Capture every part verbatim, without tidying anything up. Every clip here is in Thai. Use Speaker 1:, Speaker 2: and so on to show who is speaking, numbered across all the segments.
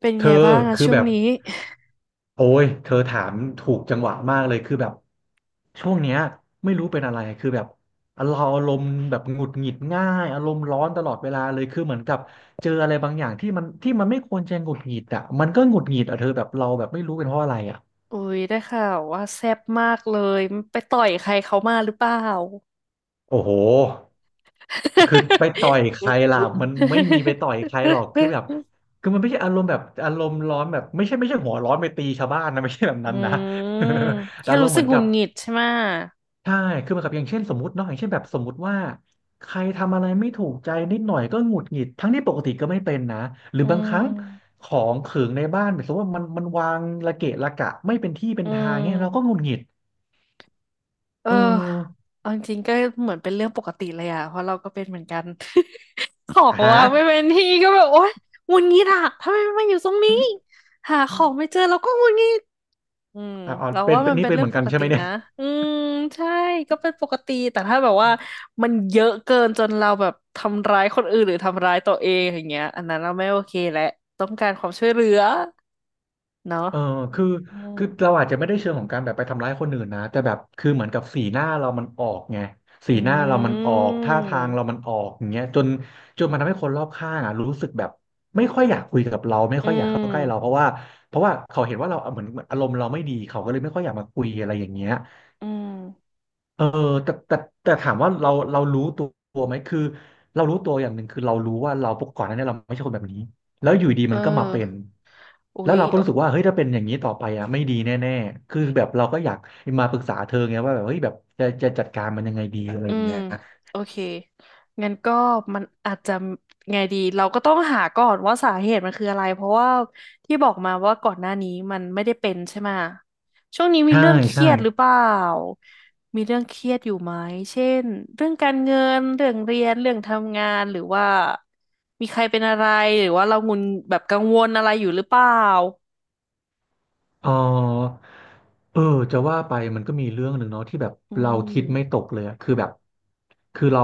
Speaker 1: เป็น
Speaker 2: เธ
Speaker 1: ไง
Speaker 2: อ
Speaker 1: บ้างอะ
Speaker 2: คือ
Speaker 1: ช่ว
Speaker 2: แบ
Speaker 1: ง
Speaker 2: บ
Speaker 1: นี้
Speaker 2: โอ้ยเธอถามถูกจังหวะมากเลยคือแบบช่วงเนี้ยไม่รู้เป็นอะไรคือแบบอารมณ์แบบหงุดหงิดง่ายอารมณ์ร้อนตลอดเวลาเลยคือเหมือนกับเจออะไรบางอย่างที่มันที่มันไม่ควรจะหงุดหงิดอ่ะมันก็หงุดหงิดอ่ะเธอแบบเราแบบไม่รู้เป็นเพราะอะไรอ่ะ
Speaker 1: อุ๊ยได้ข่าวว่าแซ่บมากเลยไปต่อยใครเขามาหรือเปล่า
Speaker 2: โอ้โหคือไปต่อยใครล่ะมันไม่มีไปต่อยใครหรอกคือแบบ คือมันไม่ใช่อารมณ์แบบอารมณ์ร้อนแบบไม่ใช่ไม่ใช่หัวร้อนไปตีชาวบ้านนะไม่ใช่แบบ
Speaker 1: อื
Speaker 2: นั้นนะ
Speaker 1: ม
Speaker 2: แต่
Speaker 1: แค่
Speaker 2: อารม
Speaker 1: รู้
Speaker 2: ณ์เห
Speaker 1: สึ
Speaker 2: มื
Speaker 1: ก
Speaker 2: อน
Speaker 1: หงุ
Speaker 2: กั
Speaker 1: ด
Speaker 2: บ
Speaker 1: หงิดใช่ไหม
Speaker 2: ใช่คือมันกับอย่างเช่นสมมติเนาะอย่างเช่นแบบสมมติว่าใครทำอะไรไม่ถูกใจนิดหน่อยก็หงุดหงิดทั้งที่ปกติก็ไม่เป็นนะหรือ
Speaker 1: อื
Speaker 2: บางครั้ง
Speaker 1: ม
Speaker 2: ของขึงในบ้านแบบสมมติว่ามันมันวางระเกะระกะไม่เป็นที่เป็น
Speaker 1: อื
Speaker 2: ทางเนี้ยเราก็หงุ
Speaker 1: ม
Speaker 2: ดหงิด
Speaker 1: เออ
Speaker 2: เออ
Speaker 1: เอาจริงๆก็เหมือนเป็นเรื่องปกติเลยอะเพราะเราก็เป็นเหมือนกัน ของ
Speaker 2: อ่าฮะ
Speaker 1: ว่างไม่เป็นที่ก็แบบโอ๊ยหงุดหงิดอะทำไมมันมาอยู่ตรงนี้หาของไม่เจอเราก็หงุดหงิด อืม
Speaker 2: อ่า
Speaker 1: เรา
Speaker 2: เป็น
Speaker 1: ว่า
Speaker 2: เป็
Speaker 1: มั
Speaker 2: น
Speaker 1: น
Speaker 2: นี่
Speaker 1: เป็น
Speaker 2: เป็น
Speaker 1: เรื่
Speaker 2: เห
Speaker 1: อง
Speaker 2: มือน
Speaker 1: ป
Speaker 2: กัน
Speaker 1: ก
Speaker 2: ใช่
Speaker 1: ติ
Speaker 2: ไหมเนี่ย
Speaker 1: นะอืมใช่ก็เป็นปกติแต่ถ้าแบบว่ามันเยอะเกินจนเราแบบทำร้ายคนอื่นหรือทำร้ายตัวเองอย่างเงี้ยอันนั้นเราไม่โอเคแหละต้องการความช่วยเหลือเนาะ
Speaker 2: เออคือ
Speaker 1: อืม
Speaker 2: คือเราอาจจะไม่ได้เชิงของการแบบไปทำร้ายคนอื่นนะแต่แบบคือเหมือนกับสีหน้าเรามันออกไงสี
Speaker 1: อื
Speaker 2: หน้าเรามันออกท่าทางเรามั
Speaker 1: ม
Speaker 2: นออกอย่างเงี้ยจนจนมันทำให้คนรอบข้างอ่ะรู้สึกแบบไม่ค่อยอยากคุยกับเราไม่
Speaker 1: อื
Speaker 2: ค่อยอยากเข้าใกล้เราเพ
Speaker 1: ม
Speaker 2: ราะว่าเพราะว่าเขาเห็นว่าเราเหมือนเหมือนอารมณ์เราไม่ดีเขาก็เลยไม่ค่อยอยากมาคุยอะไรอย่างเงี้ย
Speaker 1: อืม
Speaker 2: เออแต่แต่แต่ถามว่าเราเรารู้ตัวไหมคือเรารู้ตัวอย่างหนึ่งคือเรารู้ว่าเราปกก่อนหนั้านเนี่ยเราไม่ใช่คนแบบนี้แล้วอยู่ดี
Speaker 1: เอ
Speaker 2: มั
Speaker 1: อ
Speaker 2: นก็มาเป็น
Speaker 1: อุ๊
Speaker 2: แล้ว
Speaker 1: ย
Speaker 2: เราก็รู้สึกว่าเฮ้ยถ้าเป็นอย่างนี้ต่อไปอ่ะไม่ดีแน่ๆคือแบบเราก็อยากมาปรึกษาเธอไงว่าแบบเฮ้ยแบบจะจะจัดการมันยังไงดีอะไร
Speaker 1: อื
Speaker 2: อย่าง
Speaker 1: ม
Speaker 2: เงี้ย
Speaker 1: โอเคงั้นก็มันอาจจะไงดีเราก็ต้องหาก่อนว่าสาเหตุมันคืออะไรเพราะว่าที่บอกมาว่าก่อนหน้านี้มันไม่ได้เป็นใช่ไหมช่วงนี้มี
Speaker 2: ใช่
Speaker 1: เรื่องเค
Speaker 2: ใช่
Speaker 1: รียดหรือเปล่ามีเรื่องเครียดอยู่ไหมเช่นเรื่องการเงินเรื่องเรียนเรื่องทำงานหรือว่ามีใครเป็นอะไรหรือว่าเรางุนแบบกังวลอะไรอยู่หรือเปล่า
Speaker 2: เออเออจะว่าไปมันก็มีเรื่องหนึ่งเนาะที่แบบ
Speaker 1: อื
Speaker 2: เราคิดไม่ต
Speaker 1: ม
Speaker 2: กเลยอะคือแบบคือเรา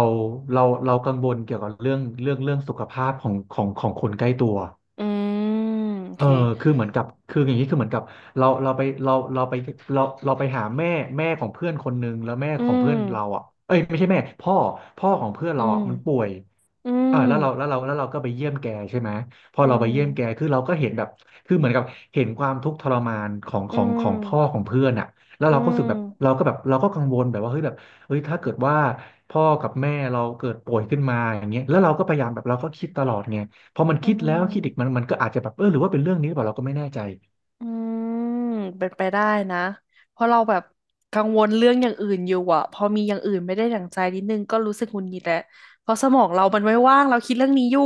Speaker 2: เราเรากังวลเกี่ยวกับเรื่องเรื่องเรื่องสุขภาพของของของคนใกล้ตัว
Speaker 1: อืมโอ
Speaker 2: เอ
Speaker 1: เค
Speaker 2: อคือเหมือนกับคืออย่างนี้คือเหมือนกับเราเราไปเราเราไปเราเราไปหาแม่แม่ของเพื่อนคนหนึ่ง แล้วแม่
Speaker 1: อื
Speaker 2: ของเพื่
Speaker 1: ม
Speaker 2: อนเราอ่ะเอ้ยไม่ใช่แม่พ่อพ่อของเพื่อน
Speaker 1: อื
Speaker 2: เรา
Speaker 1: ม
Speaker 2: อ่ะมันป่วย
Speaker 1: อื
Speaker 2: อ่าแล้วเราแล้
Speaker 1: ม
Speaker 2: วเราแล้วเราก็ไปเยี่ยมแกใช่ไหม พอ
Speaker 1: อื
Speaker 2: เราไป
Speaker 1: ม
Speaker 2: เยี่ยมแกคือเราก็เห็นแบบคือเหมือนกับเห็นความทุกข์ทรมานของ
Speaker 1: อื
Speaker 2: ของของพ่อข
Speaker 1: ม
Speaker 2: องเพื่อนอ่ะแล้ว
Speaker 1: อื
Speaker 2: เราก็รู้สึกแบบเรา
Speaker 1: ม
Speaker 2: ก็แบบเราก็กังวลแบบว่าเฮ้ยแบบเฮ้ยถ้าเกิดว่าพ่อกับแม่เราเกิดป่วยขึ้นมาอย่างเงี้ยแล้วเราก็พยายามแบบเราก็คิดตลอดไง พอมัน
Speaker 1: อื
Speaker 2: คิดแล้ว
Speaker 1: ม
Speaker 2: คิดอีกมันมันก็อาจจะแบบเออหรือว่าเป็นเรื่องนี้หรือเปล่าเราก็ไม่แน่ใจ
Speaker 1: อืมเป็นไปได้นะ เพราะเราแบบกังวลเรื่องอย่างอื่นอยู่อะพอมีอย่างอื่นไม่ได้ดั่งใจนิดนึงก็รู้สึกหงุดหงิดแหละเพราะสมองเรามันไม่ว่างเราคิดเรื่องนี้อยู่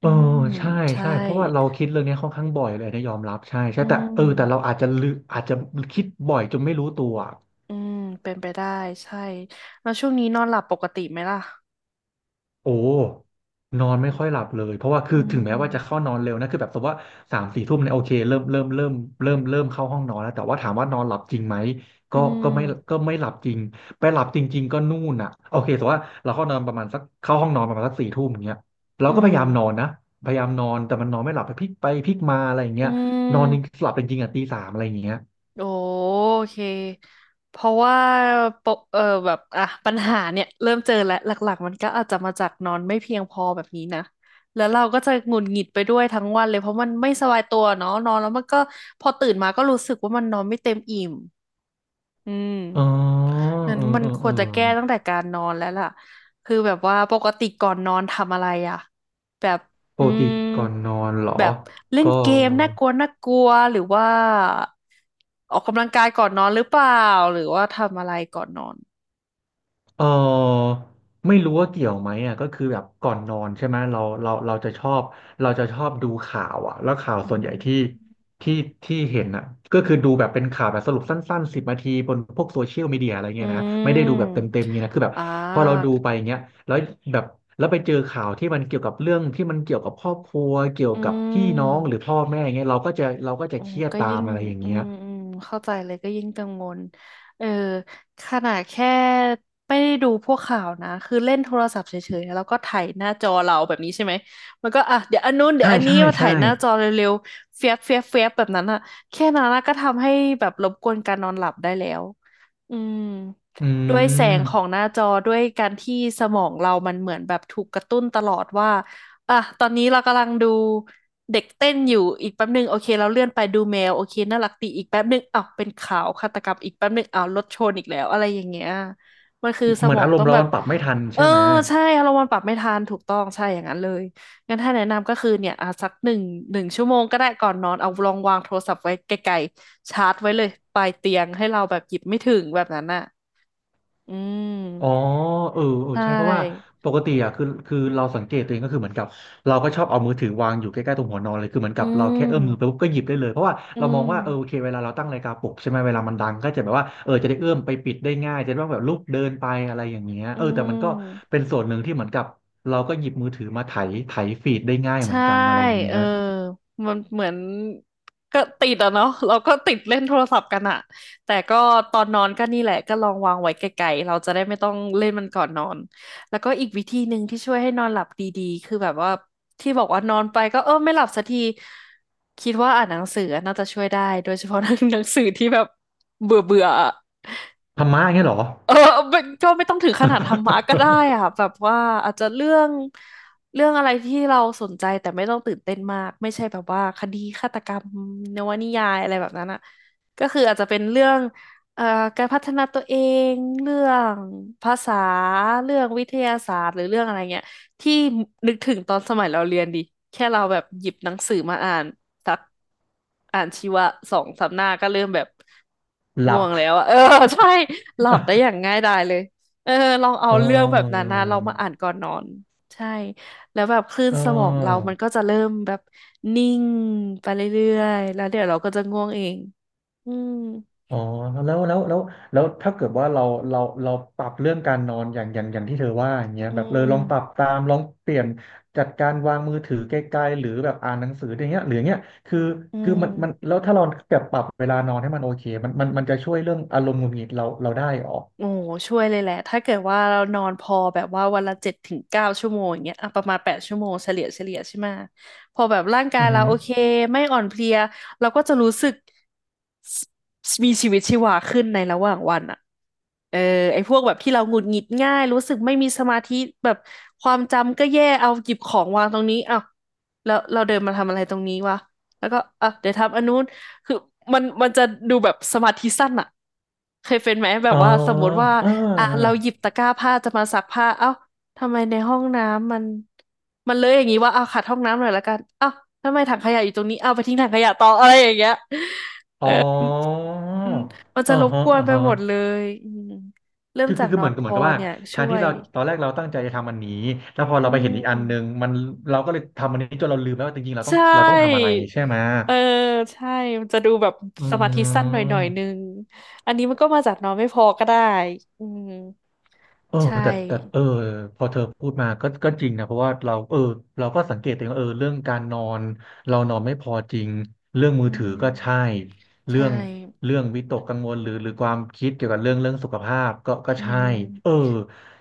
Speaker 2: เอ
Speaker 1: อื
Speaker 2: อ
Speaker 1: ม
Speaker 2: ใช่
Speaker 1: ใช่
Speaker 2: ใช่เพราะว่าเราคิดเรื่องนี้ค่อนข้างบ่อยเลยนะยอมรับใช่ใช่
Speaker 1: อื
Speaker 2: แต่เออแต่เรา
Speaker 1: ม
Speaker 2: อาจจะลืออาจจะคิดบ่อยจนไม่รู้ตัว
Speaker 1: อืมเป็นไปได้ ใช่แล้วช่วงนี้นอนหลับปกติไหมล่ะ
Speaker 2: โอ้นอนไม่ค่อยหลับเลย เพราะว่าคื
Speaker 1: อื
Speaker 2: อถึงแม้ว่าจะ
Speaker 1: ม
Speaker 2: เข้านอนเร็วนะคือแบบสมมติว่าสามสี่ทุ่มเนี่ยโอเคเริ่มเริ่มเริ่มเริ่มเริ่มเข้าห้องนอนแล้วแต่ว่าถามว่านอนหลับจริงไหม
Speaker 1: อื
Speaker 2: ก็
Speaker 1: ม
Speaker 2: ก็ไม่ก็ไม่หลับจริงไปหลับจริงๆก็นู่นอ่ะโอเคแต่ว่าเราเข้านอนประมาณสักเข้าห้องนอนประมาณสักสี่ทุ่มอย่างเงี้ยเรา
Speaker 1: อื
Speaker 2: ก็พ
Speaker 1: ม
Speaker 2: ยายามนอนนะพยายามนอนแต่มันนอนไม่หลับไปพลิกไปพลิกมาอะไรอย่าง
Speaker 1: อื
Speaker 2: เงี้ยนอนจริง
Speaker 1: ม
Speaker 2: หลับจริงๆอ่ะตีสามอะไรอย่างเงี้ย
Speaker 1: โอเค เพราะว่าปกเออแบบอ่ะปัญหาเนี่ยเริ่มเจอแล้วหลักๆมันก็อาจจะมาจากนอนไม่เพียงพอแบบนี้นะ แล้วเราก็จะหงุดหงิดไปด้วยทั้งวันเลยเพราะมันไม่สบายตัวเนาะนอนแล้วมันก็พอตื่นมาก็รู้สึกว่ามันนอนไม่เต็มอิ่ม อืม
Speaker 2: อ๋อ
Speaker 1: นั้น
Speaker 2: เออ
Speaker 1: มัน
Speaker 2: เออ
Speaker 1: ค
Speaker 2: เอ
Speaker 1: ว
Speaker 2: อ
Speaker 1: รจะแก้ตั้งแต่การนอนแล้วล่ะคือแบบว่าปกติก่อนนอนทำอะไรอ่ะแบบ
Speaker 2: ป
Speaker 1: อื
Speaker 2: กติ
Speaker 1: ม
Speaker 2: ก่อนนอนเหรอ
Speaker 1: แบบเล่น
Speaker 2: ก็
Speaker 1: เกมน่ากลัวน่ากลัวหรือว่าออกกำลังกายก่อนนอนหรือเปล่าหรือว่าทำอะไรก่อนนอน
Speaker 2: เออไม่รู้ว่าเกี่ยวไหมอ่ะก็คือแบบก่อนนอนใช่ไหมเราเราเราจะชอบเราจะชอบดูข่าวอ่ะแล้วข่าว
Speaker 1: อื
Speaker 2: ส่วนใหญ่ที่
Speaker 1: ม
Speaker 2: ที่ที่เห็นอ่ะก็คือดูแบบเป็นข่าวแบบสรุปสั้นๆสิบนาทีบนพวกโซเชียลมีเดียอะไร
Speaker 1: อื
Speaker 2: เงี้ยนะไม่ได้ดูแบ
Speaker 1: ม
Speaker 2: บเต็มๆเงี้ยนะคือแบบ
Speaker 1: อ่า
Speaker 2: พอเราดูไปเงี้ยแล้วแบบแล้วไปเจอข่าวที่มันเกี่ยวกับเรื่องที่มันเกี่ยวกับครอบครัวเกี่ยว
Speaker 1: อื
Speaker 2: กับพี่น้องหรือ
Speaker 1: ม
Speaker 2: พ่อแม่เงี้ยเราก็จะเราก็จะ
Speaker 1: โอ้
Speaker 2: เครียด
Speaker 1: ก็
Speaker 2: ตา
Speaker 1: ยิ่
Speaker 2: ม
Speaker 1: ง
Speaker 2: อะไรอย่าง
Speaker 1: อื
Speaker 2: เงี้ย
Speaker 1: มอืมเข้าใจเลยก็ยิ่งกังวลเออขนาดแค่ไม่ได้ดูพวกข่าวนะคือเล่นโทรศัพท์เฉยๆแล้วก็ถ่ายหน้าจอเราแบบนี้ใช่ไหมมันก็อ่ะเดี๋ยวอันนู้นเดี๋ย
Speaker 2: ใช่
Speaker 1: วอันนี้
Speaker 2: ใช่
Speaker 1: มาถ่า
Speaker 2: ใช่
Speaker 1: ยหน้าจอเร็วๆเฟียบเฟียบเฟียบแบบนั้นอะแค่นั้นอะก็ทำให้แบบรบกวนการนอนหลับได้แล้วอืม
Speaker 2: อื
Speaker 1: ด้วยแสงของห
Speaker 2: ม
Speaker 1: น้าจอด้วยการที่สมองเรามันเหมือนแบบถูกกระตุ้นตลอดว่า อ่ะตอนนี้เรากำลังดูเด็กเต้นอยู่อีกแป๊บหนึ่งโอเคเราเลื่อนไปดูแมวโอเคน่ารักดีอีกแป๊บหนึ่งอ้าวเป็นข่าวฆาตกรรมอีกแป๊บหนึ่งอ้าวรถชนอีกแล้วอะไรอย่างเงี้ยมันคือส
Speaker 2: เหมื
Speaker 1: ม
Speaker 2: อน
Speaker 1: อง
Speaker 2: อารม
Speaker 1: ต้อ
Speaker 2: ณ์
Speaker 1: ง
Speaker 2: เรา
Speaker 1: แบบ
Speaker 2: มันปรับไม่ทัน
Speaker 1: เออ
Speaker 2: ใช่ไหม
Speaker 1: ใช่เรามันปรับไม่ทันถูกต้องใช่อย่างนั้นเลยงั้นถ้าแนะนำก็คือเนี่ยอ่ะสักหนึ่งหนึ่งชั่วโมงก็ได้ก่อนนอนเอาลองวางโทรศัพท์ไว้ไกลๆชาร์จไว้เลยปลายเตียงให้เราแบบหยิบไม่ถึงแบบนั้นน่ะอื
Speaker 2: อ๋อ
Speaker 1: ม
Speaker 2: เออเอ
Speaker 1: ใช
Speaker 2: อใช่เพราะว่า
Speaker 1: ่
Speaker 2: ปกติอ่ะคือคือเราสังเกตตัวเองก็คือเหมือนกับเราก็ชอบเอามือถือวางอยู่ใกล้ๆตรงหัวนอนเลยคือเหมือน
Speaker 1: อื
Speaker 2: กับเราแค่เอื้อมมือไป
Speaker 1: ม
Speaker 2: ปุ๊บก็หยิบได้เลยเพราะว่า
Speaker 1: อื
Speaker 2: เรามอง
Speaker 1: ม
Speaker 2: ว่าเออโอเคเวลาเราตั้งนาฬิกาปลุกใช่ไหมเวลามันดังก็จะแบบว่าเออจะได้เอื้อมไปปิดได้ง่ายจะได้แบบลุกเดินไปอะไรอย่างเงี้ย
Speaker 1: อื
Speaker 2: เออแต่มันก็
Speaker 1: ม
Speaker 2: เป็นส่วนหนึ่งที่เหมือนกับเราก็หยิบมือถือมาไถไถฟีดได้ง่ายเหมื
Speaker 1: ใช่
Speaker 2: อนกันอะไรอย่างเงี้
Speaker 1: เออ
Speaker 2: ย
Speaker 1: มันเหมือนก็ติดอะเนาะเราก็ติดเล่นโทรศัพท์กันอะแต่ก็ตอนนอนก็นี่แหละก็ลองวางไว้ไกลๆเราจะได้ไม่ต้องเล่นมันก่อนนอนแล้วก็อีกวิธีหนึ่งที่ช่วยให้นอนหลับดีๆคือแบบว่าที่บอกว่านอนไปก็เออไม่หลับสักทีคิดว่าอ่านหนังสือน่าจะช่วยได้โดยเฉพาะหนัง สือที่แบบเบื่อเบื่อ
Speaker 2: ธรรมะอย่างเงี้ยเหรอ
Speaker 1: เออไม่ก็ไม่ต้องถึงขนาดธรรมะก็ได้อะ แบบว่าอาจจะเรื่องเรื่องอะไรที่เราสนใจแต่ไม่ต้องตื่นเต้นมากไม่ใช่แบบว่าคดีฆาตกรรมนวนิยายอะไรแบบนั้นอ่ะก็คืออาจจะเป็นเรื่องเอ่อการพัฒนาตัวเองเรื่องภาษาเรื่องวิทยาศาสตร์หรือเรื่องอะไรเงี้ย ที่นึกถึงตอนสมัยเราเรียนดิแค่เราแบบหยิบหนังสือมาอ่านสักอ่านชีวะสองสามหน้าก็เริ่มแบบ
Speaker 2: ห
Speaker 1: ง่
Speaker 2: ลับ
Speaker 1: วงแล้วอะเออ ใช่หลับได้อย่าง ง่ายดายเลยเออลองเอา
Speaker 2: เอ
Speaker 1: เรื่องแบบนั้น
Speaker 2: อ
Speaker 1: นะลองมาอ่านก่อนนอนใช่แล้วแบบคลื่น
Speaker 2: เอ
Speaker 1: สมองเรามันก็
Speaker 2: อ
Speaker 1: จะเริ่มแบบนิ่งไปเรื่อยๆแล้วเดี๋ยวเราก็จะง่วงเองอืม
Speaker 2: อ๋อแล้วแล้วแล้วแล้วถ้าเกิดว่าเราเราเราปรับเรื่องการนอนอย่างอย่างอย่างที่เธอว่าอย่างเงี้ย
Speaker 1: อื
Speaker 2: แบบเลยลองปรับ
Speaker 1: ม
Speaker 2: ตามลองเปลี่ยนจัดการวางมือถือไกลๆหรือแบบอ่านหนังสืออย่างเงี้ยหรืออย่างเงี้ยคือ
Speaker 1: อื
Speaker 2: คือมันมัน
Speaker 1: ม
Speaker 2: แล้วถ้าเราแบบปรับเวลานอนให้มันโอเคมันมันมันจะช่วยเรื่องอารมณ์หงุดหงิดเราเราได้ออก
Speaker 1: โอ้ช่วยเลยแหละถ้าเกิดว่าเรานอนพอแบบว่าวันละเจ็ดถึงเก้าชั่วโมงอย่างเงี้ยอ่ะประมาณแปดชั่วโมงเฉลี่ยเฉลี่ยใช่ไหมะพอแบบร่างกา
Speaker 2: อ
Speaker 1: ย
Speaker 2: อือ
Speaker 1: เรา
Speaker 2: หือ
Speaker 1: โอเคไม่อ่อนเพลียเราก็จะรู้สึก มีชีวิตชีวาขึ้นในระหว่างวันอ่ะเออไอ้พวกแบบที่เราหงุดหงิดง่ายรู้สึกไม่มีสมาธิแบบความจำก็แย่เอาหยิบของวางตรงนี้อ้าวแล้วเราเดินมาทำอะไรตรงนี้วะแล้วก็อ่ะเดี๋ยวทำอันนู้นคือมันมันจะดูแบบสมาธิสั้นอ่ะเคยเป็นไหมแบ
Speaker 2: อ๋
Speaker 1: บ
Speaker 2: อ
Speaker 1: ว่าสมมติว่า
Speaker 2: อ่
Speaker 1: อ่ะเรา
Speaker 2: า
Speaker 1: หยิบตะกร้าผ้าจะมาซักผ้าเอ้าทำไมในห้องน้ำมันมันเลยอย่างนี้ว่าเอาขัดห้องน้ำหน่อยละกันเอ้าทำไมถังขยะอยู่ตรงนี้เอาไปทิ้งถังขยะต่ออะไรอย่างเงี้ย
Speaker 2: อ๋อ
Speaker 1: มันมันจะ
Speaker 2: อ๋อ
Speaker 1: รบ
Speaker 2: ฮะ
Speaker 1: กวน
Speaker 2: อ๋อ
Speaker 1: ไป
Speaker 2: ฮะ
Speaker 1: หมดเลยอืมเริ่ม
Speaker 2: คือ
Speaker 1: จา
Speaker 2: คื
Speaker 1: ก
Speaker 2: อคือ
Speaker 1: นอ
Speaker 2: เหมือ
Speaker 1: น
Speaker 2: นกั
Speaker 1: พ
Speaker 2: บเหมือ
Speaker 1: อ
Speaker 2: นกับว่า
Speaker 1: เนี่ย
Speaker 2: แท
Speaker 1: ช่
Speaker 2: น
Speaker 1: ว
Speaker 2: ที่
Speaker 1: ย
Speaker 2: เราตอนแรกเราตั้งใจจะทำอันนี้แล้วพอ
Speaker 1: อื
Speaker 2: เราไปเห็นอีกอันหนึ่ง
Speaker 1: ม
Speaker 2: มันเราก็เลยทำอันนี้จนเราลืมแล้วว่าจริงๆเราต้อง
Speaker 1: ใช่
Speaker 2: เราต้องทำอะไรใช่ไหม
Speaker 1: เออใช่มันจะดูแบบ
Speaker 2: อื
Speaker 1: สมาธิสั้นหน่อยหน่อยนึ
Speaker 2: ม
Speaker 1: ง อันนี้มันก็มาจากนอนไม่พอก็ได้อืม
Speaker 2: เออ
Speaker 1: ใช่
Speaker 2: แต่แต่เออพอเธอพูดมาก็ก็จริงนะเพราะว่าเราเออเราก็สังเกตตัวเองว่าเออเรื่องการนอนเรานอนไม่พอจริงเรื่องมื
Speaker 1: อื
Speaker 2: อถือก็ใช่
Speaker 1: ม
Speaker 2: เรื่
Speaker 1: ใช่
Speaker 2: องเรื่องวิตกกังวลหรือหรือความคิดเกี่ยวกับเรื่องเรื่องสุขภาพก็ก็
Speaker 1: อื
Speaker 2: ใช่เออ
Speaker 1: ม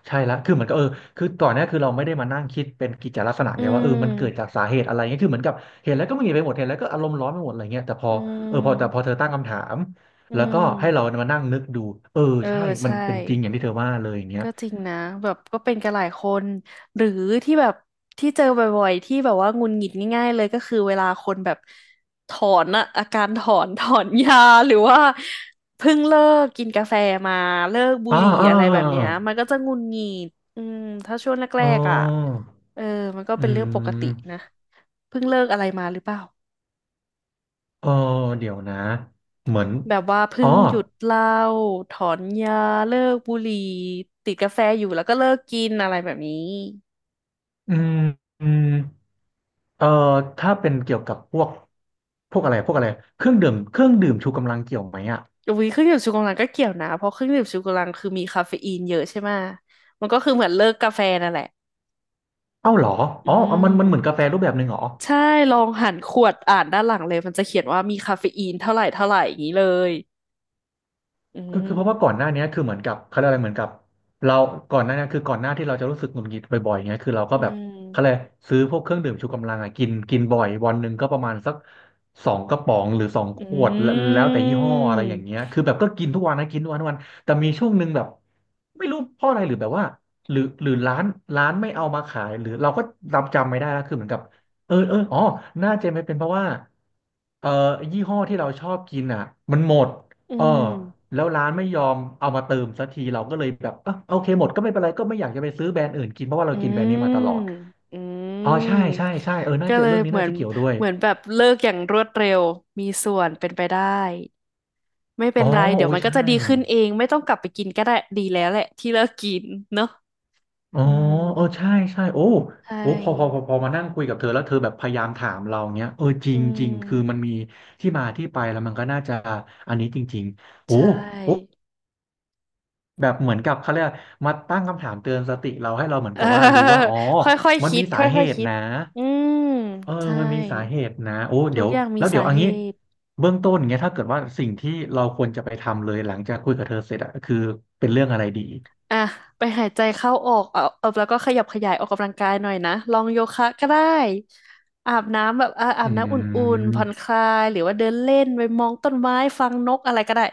Speaker 2: ใช่ละคือเหมือนกับเออคือก่อนหน้าคือเราไม่ได้มานั่งคิดเป็นกิจลักษณะ
Speaker 1: อื
Speaker 2: ไงว่าเออมันเกิดจา
Speaker 1: ม
Speaker 2: กสาเหตุอะไรเงี้ยคือเหมือนกับเห็นแล้วก็มึนไปหมดเห็นแล้วก็อารมณ์ร้อนไปหมดอะไรเงี้ยแต่พอ
Speaker 1: อื
Speaker 2: เออพอแต่พอ
Speaker 1: ม
Speaker 2: เธอตั้งคำถาม
Speaker 1: อื
Speaker 2: แล้วก็
Speaker 1: ม
Speaker 2: ให้เรามานั่งนึกดูเออ
Speaker 1: เออ
Speaker 2: ใช่มัน
Speaker 1: ใช่
Speaker 2: เป็นจริงอย่างที่เธอว่าเลยอย่างเงี้ย
Speaker 1: ก็จริงนะแบบก็เป็นกันหลายคนหรือที่แบบที่เจอบ่อยๆที่แบบว่าหงุดหงิดง่ายๆเลยก็คือเวลาคนแบบถอนอะอาการถอน ถอนยาหรือว่าเพิ่งเลิกกินกาแฟมาเลิกบุ
Speaker 2: อ่า
Speaker 1: หรี่
Speaker 2: อ่
Speaker 1: อะไรแบบเนี้ย
Speaker 2: า
Speaker 1: มันก็จะหงุดหงิดอืมถ้าช่วงแร
Speaker 2: อ่าอ๋
Speaker 1: กๆอ่ะ
Speaker 2: อ
Speaker 1: เออมันก็
Speaker 2: อื
Speaker 1: เป็นเรื่องปกติ
Speaker 2: ม
Speaker 1: นะเพิ่งเลิกอะไรมาหรือเปล่า
Speaker 2: เออเดี๋ยวนะ เหมือน
Speaker 1: แบบว่าเพิ่
Speaker 2: อ๋อ
Speaker 1: งหยุดเหล้าถอนยาเลิกบุหรี่ติดกาแฟอยู่แล้วก็เลิกกินอะไรแบบนี้
Speaker 2: อืมอืมเออถ้าเป็นเกี่ยวกับพวกพวกอะไรพวกอะไร เครื่องดื่ม เครื่องดื่มชูกำลังเกี่ยวไหมอ่ะ
Speaker 1: อุ้ยเครื่องดื่มชูกำลังก็เกี่ยวนะเพราะเครื่องดื่มชูกำลังคือมีคาเฟอีนเยอะใช่ไหมะมันก็คือเหมือนเลิกกาแฟนั่นแหละ
Speaker 2: เอ้าเหรอ
Speaker 1: อื
Speaker 2: อ๋อมันมันเหมือนกา
Speaker 1: ม
Speaker 2: แฟรูปแบบหนึ่งเหรอ
Speaker 1: ใช่ลองหันขวดอ่านด้านหลังเลยมันจะเขียนว่ามีคาเฟอีนเท่าไหร่เท่าไหร่อย่างนี้เลยอื
Speaker 2: คือคือเพราะว่า
Speaker 1: ม
Speaker 2: ก่อนหน้าเนี้ยคือเหมือนกับเขาเรียกอะไรเหมือนกับเราก่อนหน้าเนี้ยคือก่อนหน้าที่เราจะรู้สึกหงุดหงิดบ่อยๆเงี้ยคือเราก็
Speaker 1: อื
Speaker 2: แบบเขาเลย
Speaker 1: ม
Speaker 2: กซื้อพวกเครื่องดื่มชูกำลังอ่ะกินกินบ่อยวันหนึ่งก็ประมาณสักสองกระป๋องหรือสองข
Speaker 1: อ
Speaker 2: วดแล้ว
Speaker 1: ื
Speaker 2: แล้วแต่ยี่ห้ออะไรอย่าง
Speaker 1: ม
Speaker 2: เงี้ยคือแบบก็กินทุกวันนะกินทุกวันทุกวันแต่มีช่วงหนึ่งแบบไม่รู้เพราะอะไรหรือแบบว่าหรือหรือร้านร้านไม่เอามาขายหรือเราก็จำจำไม่ได้แล้วคือเหมือนกับเออเอออ๋อน่าจะไม่เป็นเพราะว่าเอ่อยี่ห้อที่เราชอบกินอ่ะมันหมด
Speaker 1: อื
Speaker 2: เออ
Speaker 1: ม
Speaker 2: แล้วร้านไม่ยอมเอามาเติมสักทีเราก็เลยแบบเออโอเคหมดก็ไม่เป็นไรก็ไม่อยากจะไปซื้อแบรนด์อื่นกินเพราะว่าเรา
Speaker 1: อื
Speaker 2: กินแบรนด์นี้มาตลอด
Speaker 1: มอื
Speaker 2: อ๋อใช่
Speaker 1: ม
Speaker 2: ใช่ใช่เออน่า
Speaker 1: ก็
Speaker 2: จะ
Speaker 1: เลย
Speaker 2: เรื่องนี้
Speaker 1: เหมื
Speaker 2: น่า
Speaker 1: อน
Speaker 2: จะเกี่ยวด้วย
Speaker 1: เหมือนแบบเลิกอย่างรวดเร็วมีส่วนเป็นไปได้ ไม่เป็
Speaker 2: อ๋
Speaker 1: น
Speaker 2: อ
Speaker 1: ไรเดี๋ย
Speaker 2: โอ้
Speaker 1: ว
Speaker 2: ย
Speaker 1: มันก็
Speaker 2: ใช่
Speaker 1: จะดีขึ้นเองไม่ต้องกลับไปกินก็ได้ดีแล้วแหละที่เลิกกินเนอะ
Speaker 2: อ๋อ
Speaker 1: อืม
Speaker 2: เออใช่ใช่โอ้
Speaker 1: ใช่
Speaker 2: โอ้พอพอพอพอมานั่งคุยกับเธอแล้วเธอแบบพยายามถามเราเนี้ยเออจริ
Speaker 1: อื
Speaker 2: งจริงคือมัน
Speaker 1: ม
Speaker 2: มีที่มาที่ไปแล้วมันก็น่าจะอันนี้จริงๆโอ้
Speaker 1: ใช
Speaker 2: โอ้
Speaker 1: ่
Speaker 2: แบบเหมือนกับเขาเรียกมาตั้งคำถามเตือนสติเราให้เราเหมื อน
Speaker 1: เออ
Speaker 2: กับว่ารู้ว่าอ๋อ
Speaker 1: ค่อยๆ
Speaker 2: มัน
Speaker 1: คิ
Speaker 2: มี
Speaker 1: ด
Speaker 2: สา
Speaker 1: ค่
Speaker 2: เห
Speaker 1: อยๆ
Speaker 2: ตุ
Speaker 1: คิด
Speaker 2: นะ
Speaker 1: อืม
Speaker 2: เออ
Speaker 1: ใช่
Speaker 2: มันมีสาเหตุนะโอ้
Speaker 1: ทุ
Speaker 2: เดี๋
Speaker 1: ก
Speaker 2: ยว
Speaker 1: อย่างมี
Speaker 2: แล้วเดี๋ย
Speaker 1: สา
Speaker 2: วเอัน
Speaker 1: เห
Speaker 2: นี้
Speaker 1: ตุ
Speaker 2: เบื้องต้นเงี้ยถ้าเกิดว่าสิ่งที่เราควรจะไปทำเลยหลังจากคุยกับเธอเสร็จอะคือเป็นเรื่องอะไรดี
Speaker 1: อ่ะไปหายใจเข้าออกเอาเอาแล้วก็ขยับขยายออกกำลังกายหน่อยนะลองโยคะก็ได้อาบน้ำแบบอ่ะอา
Speaker 2: อื
Speaker 1: บน้ำอุ่นๆผ่อนค
Speaker 2: ม
Speaker 1: ลายหรือว่าเดินเล่นไปมองต้นไม้ฟังนกอะไรก็ได้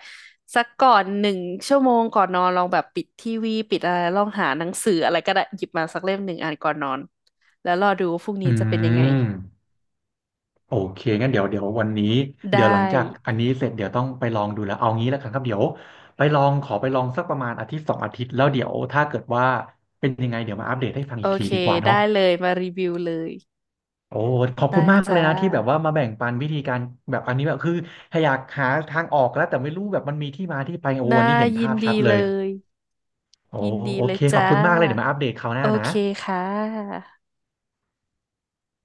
Speaker 1: สักก่อนหนึ่งชั่วโมงก่อนนอนลองแบบปิดทีวีปิดอะไรลองหาหนังสืออะไรก็ได้หยิบมาสักเล่มหนึ่งอ่านก่อนนอนแล้วรอดูว่าพรุ่งนี้
Speaker 2: อื
Speaker 1: จะเป็นยังไง
Speaker 2: ม โอเคงั้นเดี๋ยวเดี๋ยววันนี้
Speaker 1: ได
Speaker 2: เดี๋ยวหลังจากอั
Speaker 1: ้
Speaker 2: นนี้เสร็จเดี๋ยวต้องไปลองดูแล้วเอางี้แล้วกันครับเดี๋ยวไปลองขอไปลองสักประมาณอาทิตย์สองอาทิตย์แล้วเดี๋ยวถ้าเกิดว่าเป็นยังไงเดี๋ยวมาอัปเดตให้ฟัง
Speaker 1: โอ
Speaker 2: อีกที
Speaker 1: เค
Speaker 2: ดีกว่าเนาะ
Speaker 1: ได้เลยมารีวิวเลย
Speaker 2: โอ้ขอบ
Speaker 1: ได้
Speaker 2: คุณมากเล
Speaker 1: จ้า
Speaker 2: ยนะที่แบบว่ามาแบ่งปันวิธีการแบบอันนี้แบบคือถ้าอยากหาทางออกแล้วแต่ไม่รู้แบบมันมีที่มาที่ไปโอ้
Speaker 1: น่า
Speaker 2: วันนี้เห็น
Speaker 1: ยิ
Speaker 2: ภา
Speaker 1: น
Speaker 2: พ
Speaker 1: ดี
Speaker 2: ชัดเล
Speaker 1: เล
Speaker 2: ย
Speaker 1: ย
Speaker 2: โอ้
Speaker 1: ยินดี
Speaker 2: โอ
Speaker 1: เล
Speaker 2: เค
Speaker 1: ย
Speaker 2: ขอบ
Speaker 1: จ้า
Speaker 2: คุณมากเลยเดี๋ยวมาอัปเดตคราวห
Speaker 1: โอ
Speaker 2: น้านะ
Speaker 1: เคค่ะ